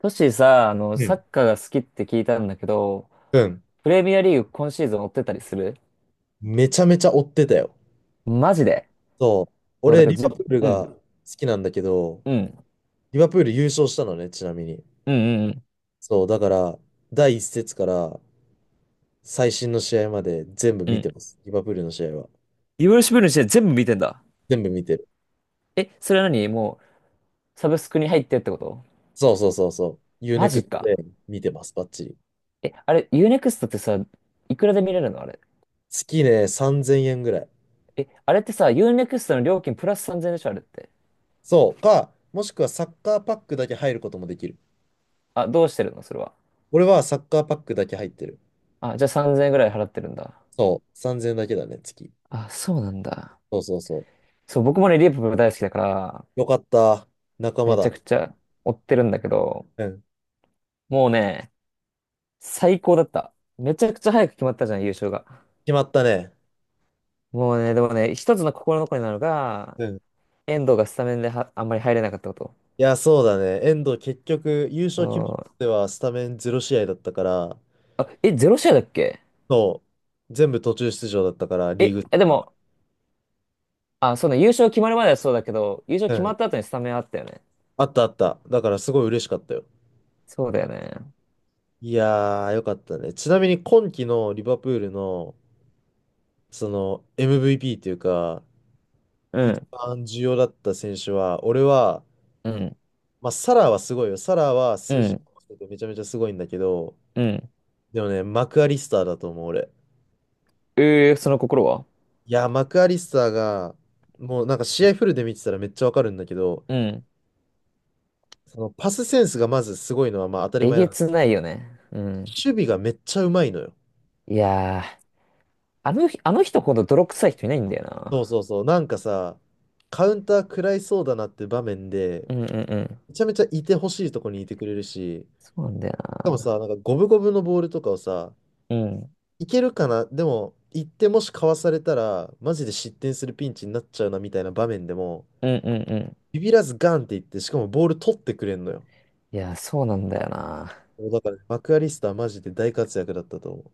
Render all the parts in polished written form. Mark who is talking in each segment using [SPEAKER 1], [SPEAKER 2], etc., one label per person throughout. [SPEAKER 1] トシさ、
[SPEAKER 2] う
[SPEAKER 1] サ
[SPEAKER 2] ん。
[SPEAKER 1] ッカーが好きって聞いたんだけど、
[SPEAKER 2] うん。
[SPEAKER 1] プレミアリーグ今シーズン追ってたりする？
[SPEAKER 2] めちゃめちゃ追ってたよ。
[SPEAKER 1] マジで？
[SPEAKER 2] そう。
[SPEAKER 1] そう、だ
[SPEAKER 2] 俺、
[SPEAKER 1] から
[SPEAKER 2] リ
[SPEAKER 1] じ、
[SPEAKER 2] バプール
[SPEAKER 1] う
[SPEAKER 2] が
[SPEAKER 1] ん、
[SPEAKER 2] 好きなんだけど、
[SPEAKER 1] うん、
[SPEAKER 2] リバプール優勝したのね、ちなみに。
[SPEAKER 1] うん、うん、
[SPEAKER 2] そう、だから、第一節から最新の試合まで全部
[SPEAKER 1] う
[SPEAKER 2] 見て
[SPEAKER 1] ん。
[SPEAKER 2] ます。リバプールの試合は。
[SPEAKER 1] いろロシブルの試合全部見てんだ。
[SPEAKER 2] 全部見てる。
[SPEAKER 1] え、それはう、サブスクに入ってってこと？
[SPEAKER 2] そうそうそうそう。ユー
[SPEAKER 1] マ
[SPEAKER 2] ネク
[SPEAKER 1] ジ
[SPEAKER 2] スト
[SPEAKER 1] か。
[SPEAKER 2] で見てます、バッチリ。
[SPEAKER 1] え、あれ、ユーネクストってさ、いくらで見れるのあれ。
[SPEAKER 2] 月ね、3000円ぐらい。
[SPEAKER 1] え、あれってさ、ユーネクストの料金プラス3000円でしょあれって。
[SPEAKER 2] そう。もしくはサッカーパックだけ入ることもできる。
[SPEAKER 1] あ、どうしてるのそれは。
[SPEAKER 2] 俺はサッカーパックだけ入ってる。
[SPEAKER 1] あ、じゃあ3000円ぐらい払ってるんだ。
[SPEAKER 2] そう。3000円だけだね、月。
[SPEAKER 1] あ、そうなんだ。
[SPEAKER 2] そうそうそう。
[SPEAKER 1] そう、僕もね、リープ大好きだから、
[SPEAKER 2] よかった。仲間
[SPEAKER 1] めち
[SPEAKER 2] だ。
[SPEAKER 1] ゃくちゃ追ってるんだけど、
[SPEAKER 2] うん。
[SPEAKER 1] もうね、最高だった。めちゃくちゃ早く決まったじゃん、優勝が。
[SPEAKER 2] 決まったね。
[SPEAKER 1] もうね、でもね、一つの心残りなのが、
[SPEAKER 2] うん。い
[SPEAKER 1] 遠藤がスタメンではあんまり入れなかったこと。
[SPEAKER 2] や、そうだね。遠藤結局、優
[SPEAKER 1] そ
[SPEAKER 2] 勝決める
[SPEAKER 1] う、
[SPEAKER 2] まではスタメン0試合だったから、
[SPEAKER 1] あ、え、ゼロ試合だっけ？
[SPEAKER 2] そう、全部途中出場だったから、リー
[SPEAKER 1] え、
[SPEAKER 2] グ
[SPEAKER 1] えで
[SPEAKER 2] は。
[SPEAKER 1] も、あ、そうね、優勝決まるまではそうだけど、優勝
[SPEAKER 2] う
[SPEAKER 1] 決ま
[SPEAKER 2] ん。
[SPEAKER 1] った後にスタメンあったよね。
[SPEAKER 2] あったあった。だからすごい嬉しかったよ。
[SPEAKER 1] そうだよね。
[SPEAKER 2] いやー、よかったね。ちなみに今季のリバプールの、その MVP というか、
[SPEAKER 1] う
[SPEAKER 2] 一
[SPEAKER 1] ん、
[SPEAKER 2] 番重要だった選手は、俺は、
[SPEAKER 1] うん、
[SPEAKER 2] まあ、サラーはすごいよ。サラーは
[SPEAKER 1] う
[SPEAKER 2] 数字
[SPEAKER 1] ん、
[SPEAKER 2] めちゃめちゃすごいんだけど、
[SPEAKER 1] うん。
[SPEAKER 2] でもね、マクアリスターだと思う、俺。
[SPEAKER 1] えー、その心は？
[SPEAKER 2] いや、マクアリスターが、もうなんか試合フルで見てたらめっちゃわかるんだけど、
[SPEAKER 1] うん。
[SPEAKER 2] そのパスセンスがまずすごいのはまあ当たり
[SPEAKER 1] え
[SPEAKER 2] 前な
[SPEAKER 1] げ
[SPEAKER 2] んだけ
[SPEAKER 1] つな
[SPEAKER 2] ど。
[SPEAKER 1] いよね。うん。
[SPEAKER 2] 守備がめっちゃうまいのよ。
[SPEAKER 1] いやー、あの日、あの人ほど泥臭い人いないんだよ
[SPEAKER 2] そ
[SPEAKER 1] な。
[SPEAKER 2] うそうそう。なんかさ、カウンター食らいそうだなって場面で、
[SPEAKER 1] うんうんうん。
[SPEAKER 2] めちゃめちゃいてほしいとこにいてくれるし、し
[SPEAKER 1] そうなんだよ
[SPEAKER 2] か
[SPEAKER 1] な。
[SPEAKER 2] もさ、なんか五分五分のボールとかをさ、
[SPEAKER 1] うん。
[SPEAKER 2] いけるかな、でも、行ってもしかわされたら、マジで失点するピンチになっちゃうなみたいな場面でも、
[SPEAKER 1] うんうんうん。
[SPEAKER 2] ビビらずガンっていって、しかもボール取ってくれんのよ。
[SPEAKER 1] いや、そうなんだよな。
[SPEAKER 2] そうだから、マクアリスターマジで大活躍だったと思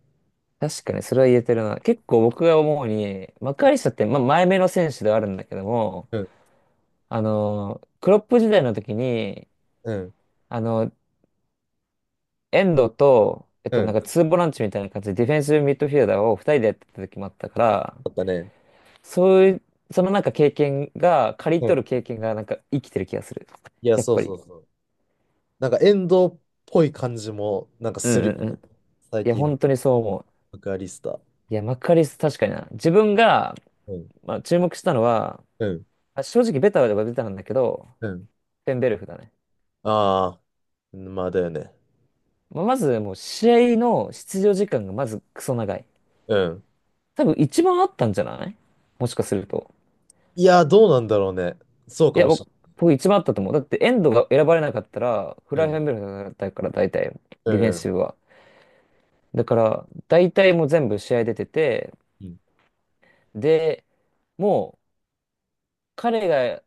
[SPEAKER 1] 確かにそれは言えてるな。結構僕が思うに、マカリスタって、まあ、前目の選手ではあるんだけども、
[SPEAKER 2] う。うん、
[SPEAKER 1] クロップ時代の時に、
[SPEAKER 2] うん、
[SPEAKER 1] あの、遠藤と、
[SPEAKER 2] う
[SPEAKER 1] なん
[SPEAKER 2] ん。
[SPEAKER 1] か
[SPEAKER 2] だ
[SPEAKER 1] ツーボランチみたいな感じでディフェンスミッドフィルダーを二人でやってた時もあったから、
[SPEAKER 2] ったね。
[SPEAKER 1] そういう、そのなんか経験が、刈り
[SPEAKER 2] う
[SPEAKER 1] 取
[SPEAKER 2] ん。
[SPEAKER 1] る経験がなんか生きてる気がする。
[SPEAKER 2] いや、
[SPEAKER 1] やっ
[SPEAKER 2] そう
[SPEAKER 1] ぱ
[SPEAKER 2] そう
[SPEAKER 1] り。
[SPEAKER 2] そう。なんか、遠藤っぽい感じも、なんか
[SPEAKER 1] う
[SPEAKER 2] す
[SPEAKER 1] ん
[SPEAKER 2] る
[SPEAKER 1] う
[SPEAKER 2] よ
[SPEAKER 1] んうん。
[SPEAKER 2] ね。最
[SPEAKER 1] いや、
[SPEAKER 2] 近
[SPEAKER 1] 本当
[SPEAKER 2] の
[SPEAKER 1] にそう思う。
[SPEAKER 2] マクアリスター。
[SPEAKER 1] いや、マカリスタ確かにな。自分が、
[SPEAKER 2] うん、
[SPEAKER 1] まあ、注目したのは、
[SPEAKER 2] うん、
[SPEAKER 1] あ正直ベタはベタなんだけど、
[SPEAKER 2] うん。
[SPEAKER 1] ペンベルフだね。
[SPEAKER 2] ああ、まあだよね。
[SPEAKER 1] まあ、まずもう試合の出場時間がまずクソ長い。
[SPEAKER 2] うん。
[SPEAKER 1] 多分一番あったんじゃない？もしかすると。
[SPEAKER 2] いや、どうなんだろうね。そう
[SPEAKER 1] い
[SPEAKER 2] か
[SPEAKER 1] や、
[SPEAKER 2] もし
[SPEAKER 1] 僕、僕一番あったと思う。だってエンドが選ばれなかったら、フライ
[SPEAKER 2] れ
[SPEAKER 1] フ
[SPEAKER 2] な
[SPEAKER 1] ェンベ
[SPEAKER 2] い。
[SPEAKER 1] ルフだったから、大体、
[SPEAKER 2] う
[SPEAKER 1] ディフェン
[SPEAKER 2] ん、う
[SPEAKER 1] シ
[SPEAKER 2] ん、
[SPEAKER 1] ブは。だから、大体もう全部試合出てて、
[SPEAKER 2] うん。
[SPEAKER 1] で、もう彼が、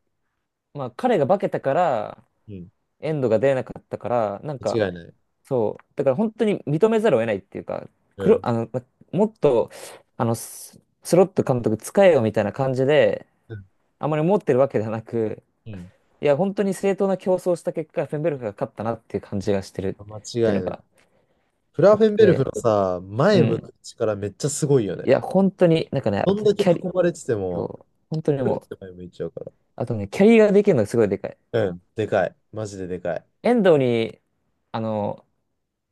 [SPEAKER 1] まあ彼が化けたから、
[SPEAKER 2] うん、うん。
[SPEAKER 1] エンドが出なかったから、なんか、
[SPEAKER 2] 間違いない。
[SPEAKER 1] そう。だから本当に認めざるを得ないっていうか、
[SPEAKER 2] う
[SPEAKER 1] 黒、あ
[SPEAKER 2] ん、
[SPEAKER 1] の、まもっと、あの、ススロット監督使えよみたいな感じで、
[SPEAKER 2] うん、
[SPEAKER 1] あまり思ってるわけではなく、
[SPEAKER 2] うん。
[SPEAKER 1] いや、本当に正当な競争をした結果、フェンベルクが勝ったなっていう感じがしてるっ
[SPEAKER 2] 間違
[SPEAKER 1] ていうの
[SPEAKER 2] いない。
[SPEAKER 1] が、
[SPEAKER 2] フラーフェンベルフの
[SPEAKER 1] で、
[SPEAKER 2] さ、
[SPEAKER 1] う
[SPEAKER 2] 前向
[SPEAKER 1] ん。
[SPEAKER 2] く力めっちゃすごいよ
[SPEAKER 1] い
[SPEAKER 2] ね。
[SPEAKER 1] や、本当に、なんかね、
[SPEAKER 2] ど
[SPEAKER 1] あ
[SPEAKER 2] ん
[SPEAKER 1] とね、
[SPEAKER 2] だけ囲
[SPEAKER 1] キャリ、
[SPEAKER 2] まれてても、
[SPEAKER 1] そう、本当にもう、
[SPEAKER 2] 前向いちゃうから。
[SPEAKER 1] あとね、キャリーができるのがすごいでかい。
[SPEAKER 2] うん、でかい。マジででかい。
[SPEAKER 1] 遠藤に、あの、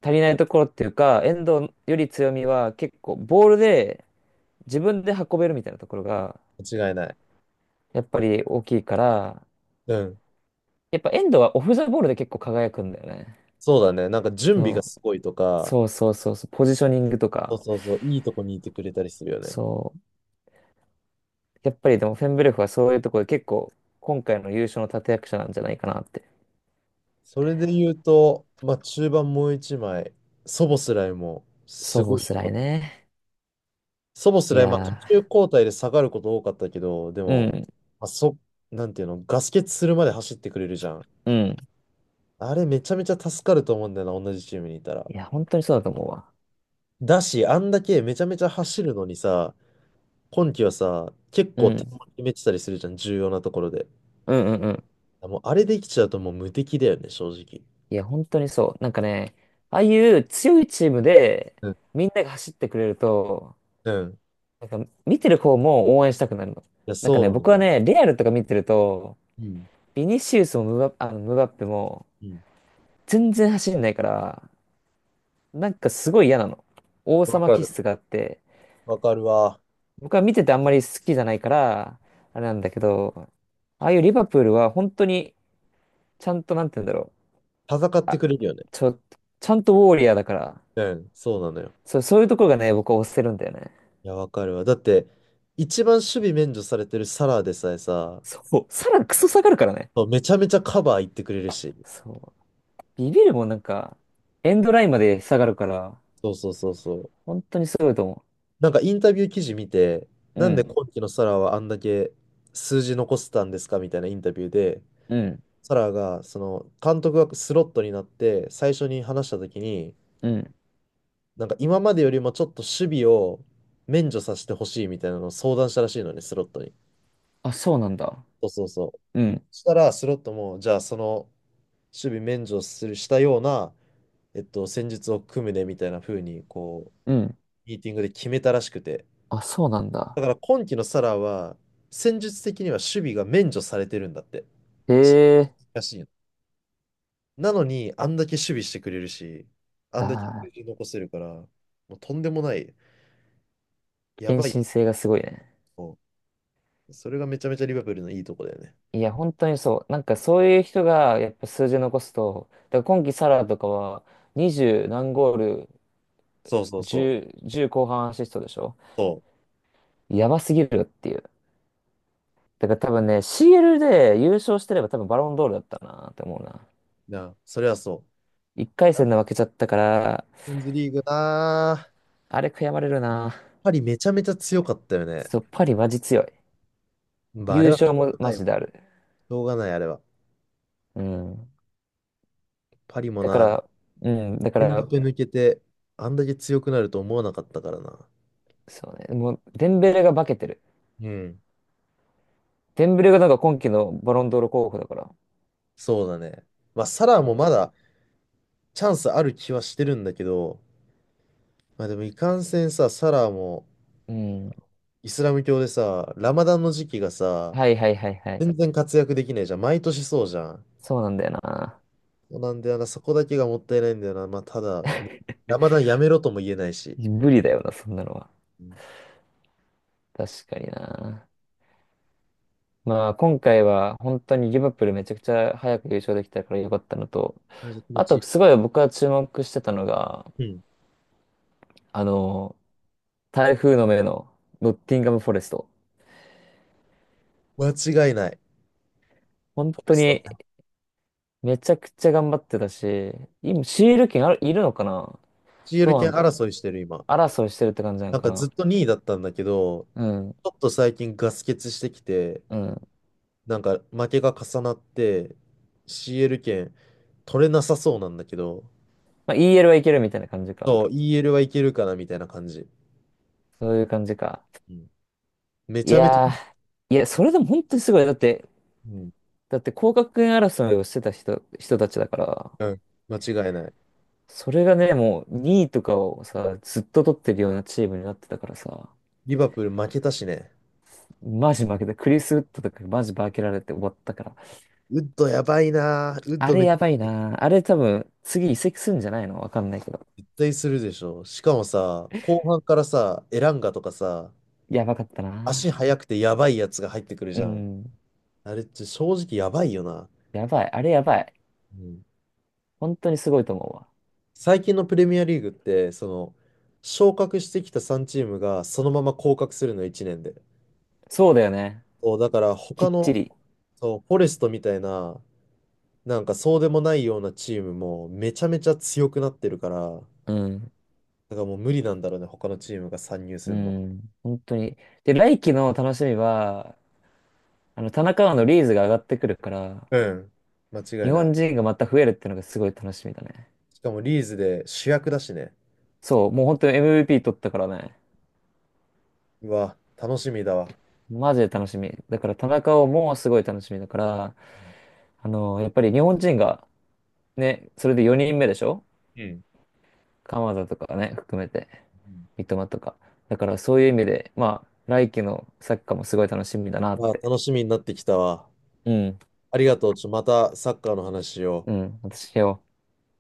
[SPEAKER 1] 足りないところっていうか、遠藤より強みは結構、ボールで自分で運べるみたいなところが、
[SPEAKER 2] 間違いない。
[SPEAKER 1] やっぱり大きいから、
[SPEAKER 2] うん。
[SPEAKER 1] やっぱエンドはオフザボールで結構輝くんだよね。
[SPEAKER 2] そうだね。なんか準備が
[SPEAKER 1] そ
[SPEAKER 2] す
[SPEAKER 1] う。
[SPEAKER 2] ごいとか、
[SPEAKER 1] そうそうそうそう。ポジショニングと
[SPEAKER 2] そう
[SPEAKER 1] か。
[SPEAKER 2] そうそう、いいとこにいてくれたりするよね。
[SPEAKER 1] そう。やっぱりでもフェンブレフはそういうところで結構今回の優勝の立役者なんじゃないかなって。
[SPEAKER 2] それで言うと、まあ中盤もう一枚、ソボスライも
[SPEAKER 1] そ
[SPEAKER 2] す
[SPEAKER 1] う、ボ
[SPEAKER 2] ごい
[SPEAKER 1] ス
[SPEAKER 2] 良
[SPEAKER 1] ラ
[SPEAKER 2] かっ
[SPEAKER 1] イ
[SPEAKER 2] た。
[SPEAKER 1] ね。
[SPEAKER 2] ソボス
[SPEAKER 1] い
[SPEAKER 2] ライ、まあ途
[SPEAKER 1] や
[SPEAKER 2] 中交代で下がること多かったけど、で
[SPEAKER 1] ー、
[SPEAKER 2] も、
[SPEAKER 1] うん、
[SPEAKER 2] まあ、なんていうの、ガス欠するまで走ってくれるじゃん。
[SPEAKER 1] うん。
[SPEAKER 2] あれめちゃめちゃ助かると思うんだよな、同じチームにいたら。
[SPEAKER 1] いや、本当にそうだと思うわ。
[SPEAKER 2] だし、あんだけめちゃめちゃ走るのにさ、今期はさ、結
[SPEAKER 1] う
[SPEAKER 2] 構点
[SPEAKER 1] ん、
[SPEAKER 2] も決めてたりするじゃん、重要なところで。
[SPEAKER 1] うん、うん、うん。
[SPEAKER 2] もうあれできちゃうともう無敵だよね、正直。
[SPEAKER 1] いや、本当にそう。なんかね、ああいう強いチームで
[SPEAKER 2] うん。
[SPEAKER 1] みんなが走ってくれると、
[SPEAKER 2] うん。い
[SPEAKER 1] なんか見てる方も応援したくなるの。
[SPEAKER 2] や、
[SPEAKER 1] なんか
[SPEAKER 2] そう
[SPEAKER 1] ね、僕
[SPEAKER 2] なん
[SPEAKER 1] は
[SPEAKER 2] だ。
[SPEAKER 1] ね、レアルとか見てると、
[SPEAKER 2] うん。
[SPEAKER 1] ビニシウスもムバ、あのムバッペも
[SPEAKER 2] うん。
[SPEAKER 1] 全然走んないから、なんかすごい嫌なの。王
[SPEAKER 2] わ
[SPEAKER 1] 様
[SPEAKER 2] か
[SPEAKER 1] 気
[SPEAKER 2] る。
[SPEAKER 1] 質があって、
[SPEAKER 2] わかるわ。
[SPEAKER 1] 僕は見ててあんまり好きじゃないから、あれなんだけど、ああいうリバプールは本当にちゃんとなんて言うんだろう。
[SPEAKER 2] 戦って
[SPEAKER 1] あ、
[SPEAKER 2] くれるよね。
[SPEAKER 1] ちょ、ちゃんとウォーリアーだから、
[SPEAKER 2] うん。そうなのよ。
[SPEAKER 1] そう、そういうところがね、僕は押せるんだよね。
[SPEAKER 2] いや、わかるわ。だって、一番守備免除されてるサラーでさえさ、
[SPEAKER 1] そう、さら、クソ下がるからね。
[SPEAKER 2] そうめちゃめちゃカバー行ってくれるし。
[SPEAKER 1] そう。ビビるもんなんか、エンドラインまで下がるから、
[SPEAKER 2] そうそうそうそう。
[SPEAKER 1] 本当にすごいと思
[SPEAKER 2] なんかインタビュー記事見て、
[SPEAKER 1] う。う
[SPEAKER 2] なんで
[SPEAKER 1] ん、
[SPEAKER 2] 今期のサラーはあんだけ数字残せたんですかみたいなインタビューで、
[SPEAKER 1] うん、
[SPEAKER 2] サラが、その、監督がスロットになって、最初に話したときに、
[SPEAKER 1] うん。
[SPEAKER 2] なんか今までよりもちょっと守備を免除させてほしいみたいなのを相談したらしいのね、スロットに。
[SPEAKER 1] あ、そうなんだ。
[SPEAKER 2] そうそうそう。
[SPEAKER 1] うん、
[SPEAKER 2] したら、スロットも、じゃあその、守備免除する、したような、戦術を組むね、みたいな風に、こ
[SPEAKER 1] うん。
[SPEAKER 2] う、ミーティングで決めたらしくて。
[SPEAKER 1] あ、そうなん
[SPEAKER 2] だ
[SPEAKER 1] だ。
[SPEAKER 2] から今季のサラは、戦術的には守備が免除されてるんだって。
[SPEAKER 1] へ
[SPEAKER 2] し
[SPEAKER 1] え。
[SPEAKER 2] らしいの。なのに、あんだけ守備してくれるし、あ
[SPEAKER 1] あ
[SPEAKER 2] んだけ数
[SPEAKER 1] あ、
[SPEAKER 2] 字残せるから、もうとんでもない、や
[SPEAKER 1] 献
[SPEAKER 2] ばいや
[SPEAKER 1] 身
[SPEAKER 2] つ
[SPEAKER 1] 性がすごいね。
[SPEAKER 2] を。それがめちゃめちゃリバプールのいいとこだよね。
[SPEAKER 1] いや、本当にそう。なんかそういう人がやっぱ数字残すと、だから今季サラとかは20何ゴール、
[SPEAKER 2] そうそうそう。
[SPEAKER 1] 10、じゅう後半アシストでしょ？
[SPEAKER 2] そ
[SPEAKER 1] やばすぎるっていう。だから多分ね、CL で優勝してれば多分バロンドールだったなって思うな。
[SPEAKER 2] う。なあ、それはそう。
[SPEAKER 1] 1
[SPEAKER 2] チャ
[SPEAKER 1] 回
[SPEAKER 2] ン
[SPEAKER 1] 戦で
[SPEAKER 2] ピ
[SPEAKER 1] 負けちゃったから、
[SPEAKER 2] オンズリーグなあ、
[SPEAKER 1] あれ悔やまれるな。
[SPEAKER 2] パリめちゃめちゃ強かったよね。
[SPEAKER 1] そう、パリマジ強い。
[SPEAKER 2] まあ、あ
[SPEAKER 1] 優
[SPEAKER 2] れはし
[SPEAKER 1] 勝
[SPEAKER 2] ょ
[SPEAKER 1] も
[SPEAKER 2] うがな
[SPEAKER 1] マ
[SPEAKER 2] いわ。
[SPEAKER 1] ジである。
[SPEAKER 2] しょうがない、あれは。
[SPEAKER 1] うん。
[SPEAKER 2] パリも
[SPEAKER 1] だか
[SPEAKER 2] な、
[SPEAKER 1] ら、うん、だか
[SPEAKER 2] エムバ
[SPEAKER 1] ら、
[SPEAKER 2] ペ抜けて、あんだけ強くなると思わなかったからな。
[SPEAKER 1] そうね、もう、デンベレが化けてる。
[SPEAKER 2] うん。
[SPEAKER 1] デンベレがなんか今季のバロンドール候補だから。
[SPEAKER 2] そうだね。まあ、サラーもま
[SPEAKER 1] そ
[SPEAKER 2] だチャンスある気はしてるんだけど、まあでもいかんせんさ、サラーも、
[SPEAKER 1] う、うん。
[SPEAKER 2] イスラム教でさ、ラマダンの時期がさ、
[SPEAKER 1] はいはいはいはい。
[SPEAKER 2] 全然活躍できないじゃん。毎年そうじゃん。
[SPEAKER 1] そうなんだよな。
[SPEAKER 2] そうなんだよな、そこだけがもったいないんだよな。まあ、ただ、ラマダンやめろとも言えないし。
[SPEAKER 1] 無理だよな、そんなのは。
[SPEAKER 2] うん、め
[SPEAKER 1] 確かにな。まあ、今回は本当にリバプールめちゃくちゃ早く優勝できたからよかったのと、
[SPEAKER 2] ちゃめちゃ気持
[SPEAKER 1] あと、
[SPEAKER 2] ち
[SPEAKER 1] すごい僕は注目してたのが、
[SPEAKER 2] いい。うん。
[SPEAKER 1] あの、台風の目のノッティンガム・フォレスト。
[SPEAKER 2] 間違いない。
[SPEAKER 1] 本
[SPEAKER 2] フォレ
[SPEAKER 1] 当
[SPEAKER 2] スト。
[SPEAKER 1] にめちゃくちゃ頑張ってたし、今、シール権ある、いるのかな？
[SPEAKER 2] CL
[SPEAKER 1] どうな
[SPEAKER 2] 権
[SPEAKER 1] んだろう。
[SPEAKER 2] 争いしてる今。
[SPEAKER 1] 争いしてるって感じなの
[SPEAKER 2] なん
[SPEAKER 1] か
[SPEAKER 2] か
[SPEAKER 1] な？
[SPEAKER 2] ずっと2位だったんだけど、
[SPEAKER 1] うん、
[SPEAKER 2] ちょっと最近ガス欠してきて、
[SPEAKER 1] うん。
[SPEAKER 2] なんか負けが重なって、CL 権取れなさそうなんだけど、
[SPEAKER 1] まあ、EL はいけるみたいな感じか。
[SPEAKER 2] そう、EL はいけるかなみたいな感じ。
[SPEAKER 1] そういう感じか。
[SPEAKER 2] うん、め
[SPEAKER 1] い
[SPEAKER 2] ちゃめちゃ、
[SPEAKER 1] やー、いや、それでも本当にすごい。だって、
[SPEAKER 2] うん、
[SPEAKER 1] だって降格圏争いをしてた人たちだから、
[SPEAKER 2] 間違いない。
[SPEAKER 1] それがね、もう2位とかをさ、ずっと取ってるようなチームになってたからさ、
[SPEAKER 2] リバプール負けたしね。
[SPEAKER 1] マジ負けた。クリス・ウッドとかマジ負けられて終わったから。
[SPEAKER 2] ウッドやばいな。ウッ
[SPEAKER 1] あ
[SPEAKER 2] ド
[SPEAKER 1] れ
[SPEAKER 2] めっち
[SPEAKER 1] やばい
[SPEAKER 2] ゃ
[SPEAKER 1] な。あれ多分、次移籍するんじゃないの、わかんないけど。
[SPEAKER 2] 絶対するでしょ。しかもさ、後半からさ、エランガとかさ、
[SPEAKER 1] やばかった
[SPEAKER 2] 足
[SPEAKER 1] な。
[SPEAKER 2] 速くてやばいやつが入ってくる
[SPEAKER 1] う
[SPEAKER 2] じゃん。
[SPEAKER 1] ん。
[SPEAKER 2] あれって正直やばいよな。
[SPEAKER 1] やばい。あれやばい。
[SPEAKER 2] うん。
[SPEAKER 1] 本当にすごいと思うわ。
[SPEAKER 2] 最近のプレミアリーグって、その、昇格してきた3チームがそのまま降格するの1年で。
[SPEAKER 1] そうだよね。
[SPEAKER 2] そう、だから
[SPEAKER 1] き
[SPEAKER 2] 他
[SPEAKER 1] っち
[SPEAKER 2] の、
[SPEAKER 1] り。
[SPEAKER 2] そう、フォレストみたいな、なんかそうでもないようなチームもめちゃめちゃ強くなってるから、
[SPEAKER 1] うん。
[SPEAKER 2] だからもう無理なんだろうね、他のチームが参入す
[SPEAKER 1] う
[SPEAKER 2] るの。
[SPEAKER 1] ん。本当に。で、来季の楽しみは、田中碧のリーズが上がってくるから、
[SPEAKER 2] うん。間違
[SPEAKER 1] 日
[SPEAKER 2] いな
[SPEAKER 1] 本
[SPEAKER 2] い。
[SPEAKER 1] 人がまた増えるっていうのがすごい楽しみだね。
[SPEAKER 2] しかもリーズで主役だしね。
[SPEAKER 1] そう、もう本当に MVP 取ったからね。
[SPEAKER 2] うわ、楽しみだわ。
[SPEAKER 1] マジで楽しみ。だから田中碧もすごい楽しみだから、やっぱり日本人がね、それで4人目でしょ？
[SPEAKER 2] うん。
[SPEAKER 1] 鎌田とかね、含めて、
[SPEAKER 2] うん、
[SPEAKER 1] 三笘とか。だからそういう意味で、まあ、来季のサッカーもすごい楽しみだなっ
[SPEAKER 2] うわ、
[SPEAKER 1] て。
[SPEAKER 2] 楽しみになってきたわ。
[SPEAKER 1] うん、
[SPEAKER 2] ありがとう。ちょ、またサッカーの話を。
[SPEAKER 1] うん、私よ。